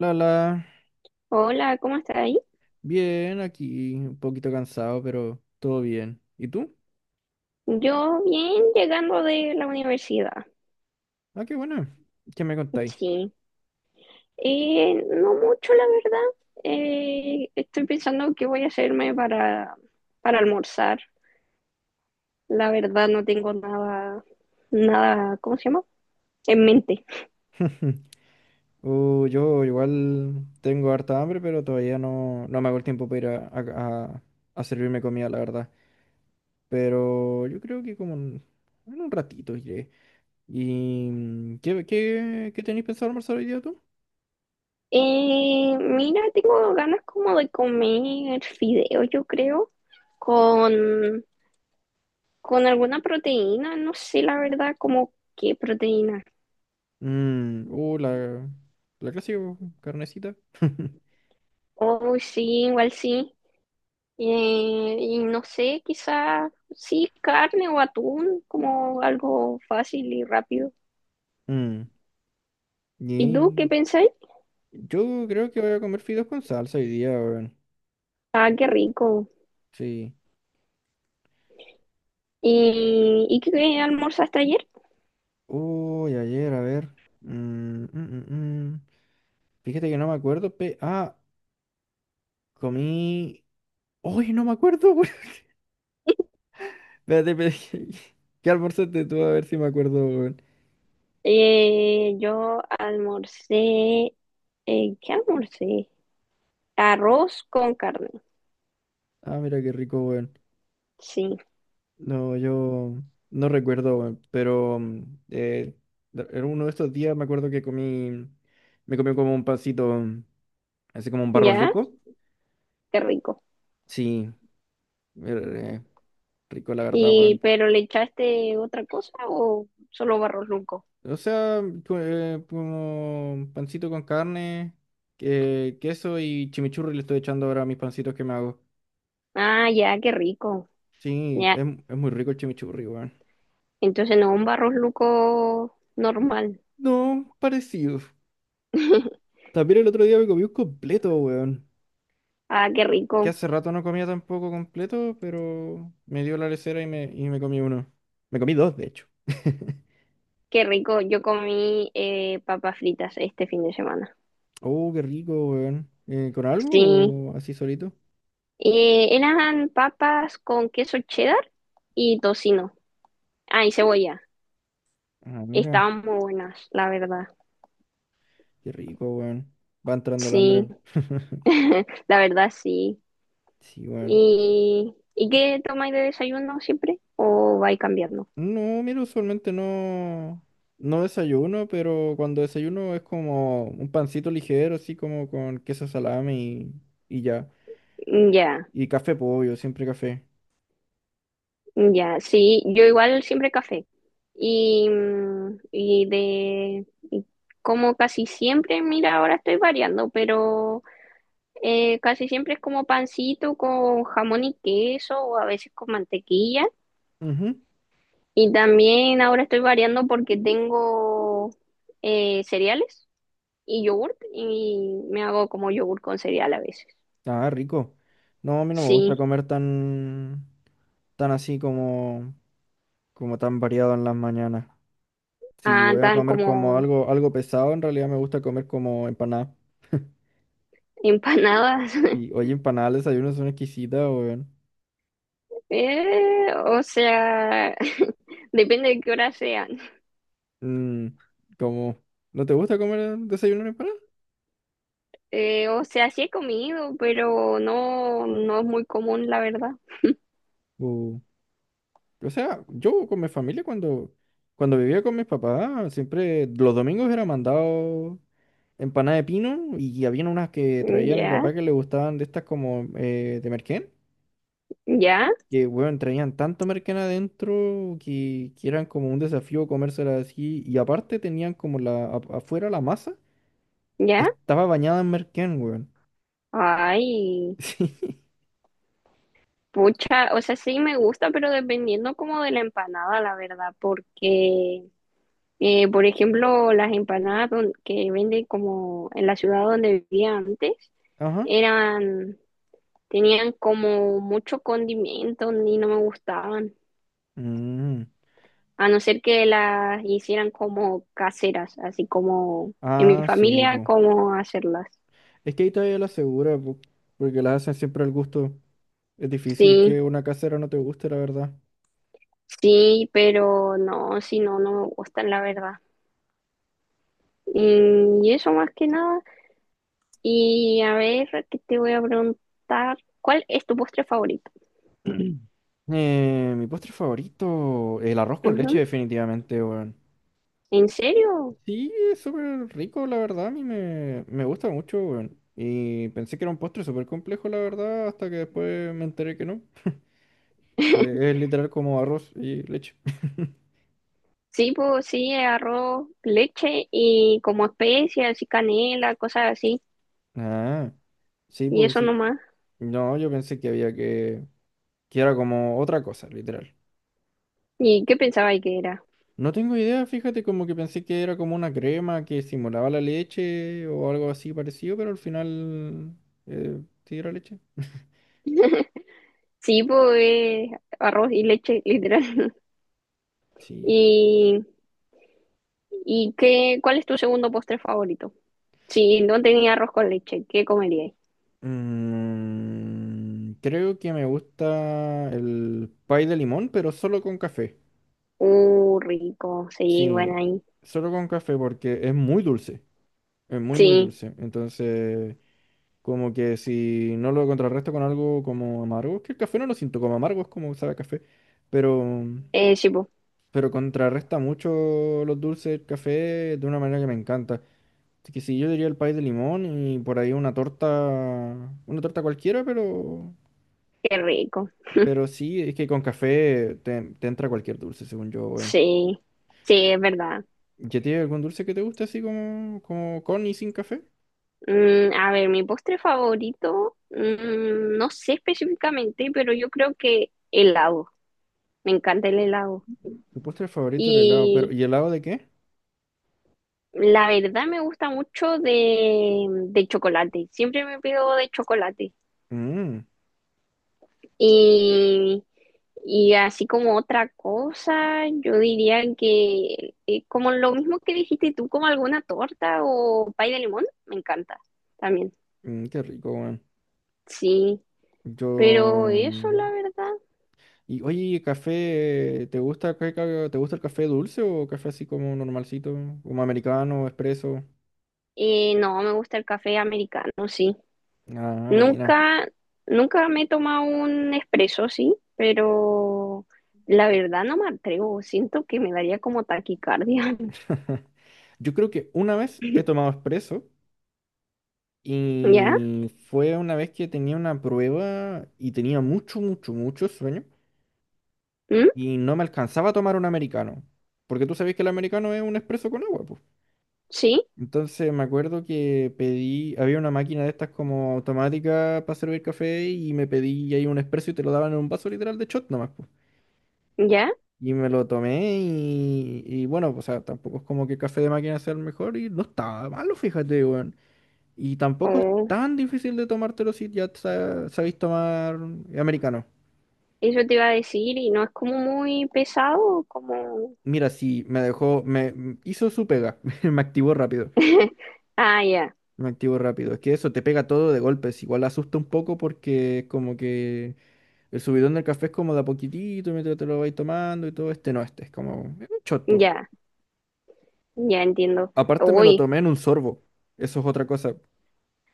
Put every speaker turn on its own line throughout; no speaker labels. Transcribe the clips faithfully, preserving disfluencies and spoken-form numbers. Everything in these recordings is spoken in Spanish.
Lala,
Hola, ¿cómo estás ahí?
bien, aquí un poquito cansado, pero todo bien. ¿Y tú?
Yo bien llegando de la universidad.
Ah, qué bueno. ¿Qué me contáis?
Sí. Eh, no mucho la verdad. Eh, estoy pensando qué voy a hacerme para, para almorzar. La verdad no tengo nada, nada, ¿cómo se llama? En mente.
Uh, yo igual tengo harta hambre, pero todavía no, no me hago el tiempo para ir a, a- a- a servirme comida, la verdad. Pero yo creo que como en, en un ratito iré. ¿Y mm, qué, qué, qué tenéis pensado almorzar hoy día tú?
Eh, mira, tengo ganas como de comer fideo, yo creo, con, con alguna proteína. No sé la verdad como qué proteína.
Mm, uh, la, la clásica po, carnecita.
Oh, sí, igual sí. Eh, y no sé, quizás sí, carne o atún, como algo fácil y rápido.
Mm,
¿Y tú qué
yeah.
pensáis?
Yo creo que voy a comer fideos con salsa hoy día, weón.
Ah, qué rico.
Sí.
¿Y, y qué almorzaste ayer?
Uy, ayer, a ver. Mm, mm, mm, mm. Fíjate que no me acuerdo. Pe... Ah, comí. Uy, no me acuerdo, weón. Espérate, pero ¿qué ¿qué almorzaste tú? A ver si me acuerdo, weón.
Eh, yo almorcé, eh, ¿qué almorcé? Arroz con carne,
Ah, mira qué rico, weón.
sí,
No, yo no recuerdo, weón. Pero mm, eh, de- en uno de estos días me acuerdo que comí. Me comí como un pancito, mm, así como un barro
ya,
luco.
qué rico.
Sí, eh, rico, la verdad,
¿Y
weón.
pero le echaste otra cosa o solo barrosluco?
O sea, co- eh, como pancito con carne, que- queso y chimichurri le estoy echando ahora a mis pancitos que me hago.
Ah, ya, qué rico,
Sí,
ya.
es, es muy rico el chimichurri, weón.
Entonces no, un barrosluco normal.
No, parecido. También el otro día me comí un completo, weón.
Ah, qué
Que
rico,
hace rato no comía tampoco completo, pero me dio la lecera y me, y me comí uno. Me comí dos, de hecho.
qué rico. Yo comí eh, papas fritas este fin de semana.
Oh, qué rico, weón. Eh, ¿con algo
Sí.
o así solito?
Eh, eran papas con queso cheddar y tocino. Ah, y cebolla.
Ah, mira,
Estaban muy buenas, la verdad.
qué rico, weón. Va entrando el
Sí,
hambre.
la verdad sí.
Sí, weón.
¿Y, ¿y qué tomáis de desayuno siempre? ¿O vais cambiando?
No, mira, usualmente no, no desayuno, pero cuando desayuno es como un pancito ligero, así como con queso salami y, y ya.
Ya,
Y café, pollo, siempre café.
ya. Sí, yo igual siempre café. Y, mm, y de... y como casi siempre, mira, ahora estoy variando, pero... Eh, casi siempre es como pancito con jamón y queso o a veces con mantequilla.
Ujú.
Y también ahora estoy variando porque tengo eh, cereales y yogurt y me hago como yogurt con cereal a veces.
Ah, rico. No, a mí no me gusta
Sí,
comer tan, tan así como, como tan variado en las mañanas. Si
ah,
voy a
tan
comer como
como
algo, algo pesado, en realidad me gusta comer como empanada.
empanadas.
Y oye, empanadas, al desayuno son exquisitas, weón.
Eh, o sea, depende de qué hora sean.
Mm, como, ¿no te gusta comer desayuno en empanada?
Eh, o sea, sí he comido, pero no, no es muy común, la verdad.
O, o sea, yo con mi familia cuando, cuando vivía con mis papás, siempre los domingos era mandado empanada de pino y había unas que traía mi
Ya,
papá que le gustaban de estas como eh, de merquén,
ya,
que bueno, traían tanto merquén adentro que, que eran como un desafío comérselas así y aparte tenían como la a- afuera la masa
ya.
estaba bañada en merquén, weón.
Ay.
Sí.
Pucha, o sea, sí me gusta, pero dependiendo como de la empanada, la verdad, porque, eh, por ejemplo, las empanadas don- que venden como en la ciudad donde vivía antes,
Ajá.
eran, tenían como mucho condimento y no me gustaban,
Mm.
a no ser que las hicieran como caseras, así como en mi
Ah, sí,
familia,
pues.
como hacerlas.
Es que ahí todavía la asegura, po, porque la hacen siempre al gusto. Es difícil
Sí,
que una casera no te guste, la verdad.
sí, pero no, si no, no me gustan, la verdad. Y y eso más que nada. Y a ver, ¿qué te voy a preguntar? ¿Cuál es tu postre favorito?
Eh, mi postre favorito, el arroz con leche,
Ujú.
definitivamente, weón.
¿En serio?
Sí, es súper rico, la verdad. A mí me, me gusta mucho, weón. Y pensé que era un postre súper complejo, la verdad, hasta que después me enteré que no. Que es literal como arroz y leche.
Sí, pues sí, arroz, leche y como especias y canela, cosas así.
Ah, sí,
Y
pues
eso
sí.
nomás.
No, yo pensé que había que... que era como otra cosa, literal.
¿Y qué pensaba que era?
No tengo idea, fíjate, como que pensé que era como una crema que simulaba la leche o algo así parecido, pero al final eh, sí era leche.
Sí, pues eh, arroz y leche, literal.
Sí.
¿Y, y qué, cuál es tu segundo postre favorito? Si no tenía arroz con leche, ¿qué comerías?
Mm, creo que me gusta el pie de limón, pero solo con café.
Uh, rico, sí, bueno
Sí,
ahí.
solo con café porque es muy dulce, es muy muy
Sí,
dulce. Entonces, como que si no lo contrarresto con algo como amargo, es que el café no lo siento como amargo, es como sabe a café, pero...
eh, sí, pues,
pero contrarresta mucho los dulces del café de una manera que me encanta. Así que sí, yo diría el país de limón y por ahí una torta, una torta cualquiera, pero,
qué rico.
pero sí, es que con café te, te entra cualquier dulce, según yo, weón.
Sí, sí, es verdad.
¿Ya tiene algún dulce que te guste así como, como con y sin café?
Mm, a ver, mi postre favorito, mm, no sé específicamente, pero yo creo que helado. Me encanta el helado.
Tu postre favorito el helado, pero
Y
¿y helado de qué?
la verdad me gusta mucho de, de chocolate. Siempre me pido de chocolate.
Mmm,
Y, y así como otra cosa, yo diría que eh, como lo mismo que dijiste tú, como alguna torta o pay de limón, me encanta también.
qué rico, weón.
Sí.
Yo,
Pero eso, la verdad,
Y oye, café, ¿te gusta, qué ca- ca- te gusta el café dulce o café así como normalcito, como americano, expreso?
eh, no, me gusta el café americano, sí.
Ah, buena.
Nunca, Nunca me he tomado un espresso, sí, pero la verdad no me atrevo. Siento que me daría como taquicardia.
Yo creo que una vez he tomado expreso
¿Ya?
y fue una vez que tenía una prueba y tenía mucho, mucho, mucho sueño
¿Mm?
y no me alcanzaba a tomar un americano, porque tú sabes que el americano es un expreso con agua, pues.
¿Sí?
Entonces me acuerdo que pedí, había una máquina de estas como automática para servir café y me pedí ahí un espresso y te lo daban en un vaso literal de shot nomás, pues.
¿Ya?
Y me lo tomé y, y bueno, pues, o sea, tampoco es como que café de máquina sea el mejor y no estaba malo, fíjate, weón. Y tampoco es
Oh,
tan difícil de tomártelo si ya sa- sabéis tomar americano.
eso te iba a decir y no es como muy pesado, como...
Mira, sí, me dejó, me hizo su pega, me activó rápido.
Ah, ya,
Me activo rápido. Es que eso te pega todo de golpes. Igual asusta un poco porque es como que el subidón del café es como de a poquitito mientras te lo vais tomando y todo. Este no, este es como es un shot, pues.
ya, ya entiendo.
Aparte me lo
Uy.
tomé en un sorbo. Eso es otra cosa.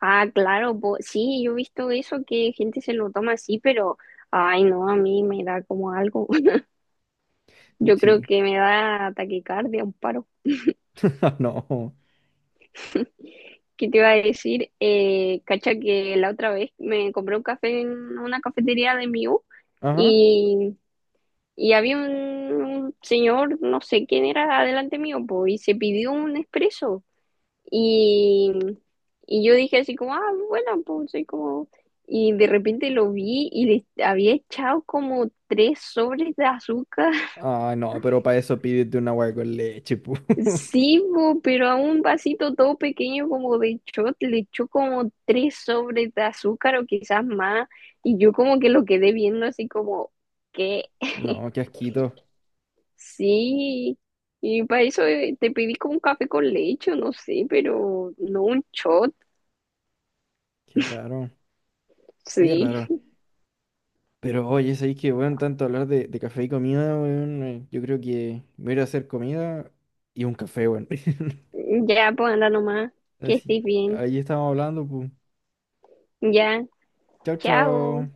Ah, claro, po- sí, yo he visto eso que gente se lo toma así, pero ay, no, a mí me da como algo.
mm,
Yo creo
Sí.
que me da taquicardia, un paro.
No.
¿Qué te iba a decir? Eh, cacha que la otra vez me compré un café en una cafetería de mi U
Ajá.
y, y había un, un señor, no sé quién era, adelante mío, po, y se pidió un expreso. Y, y yo dije así como, ah, bueno, pues soy como... Y de repente lo vi y le había echado como tres sobres de azúcar.
Ah, no, pero para eso pídete un agua con leche, pu.
Sí, po, pero a un vasito todo pequeño como de shot le echó como tres sobres de azúcar o quizás más. Y yo como que lo quedé viendo así como, que
No, qué asquito.
sí. Y para eso eh, te pedí como un café con leche, o no sé, pero no un shot,
Qué raro. Qué
sí.
raro. Pero oye, sabéis que, bueno tanto hablar de, de café y comida, weón. eh, Yo creo que me voy a ir a hacer comida y un café, weón.
Ya, pues anda nomás, que
Así,
estés bien.
ahí estamos hablando, pues.
Ya,
Chao,
chao.
chao.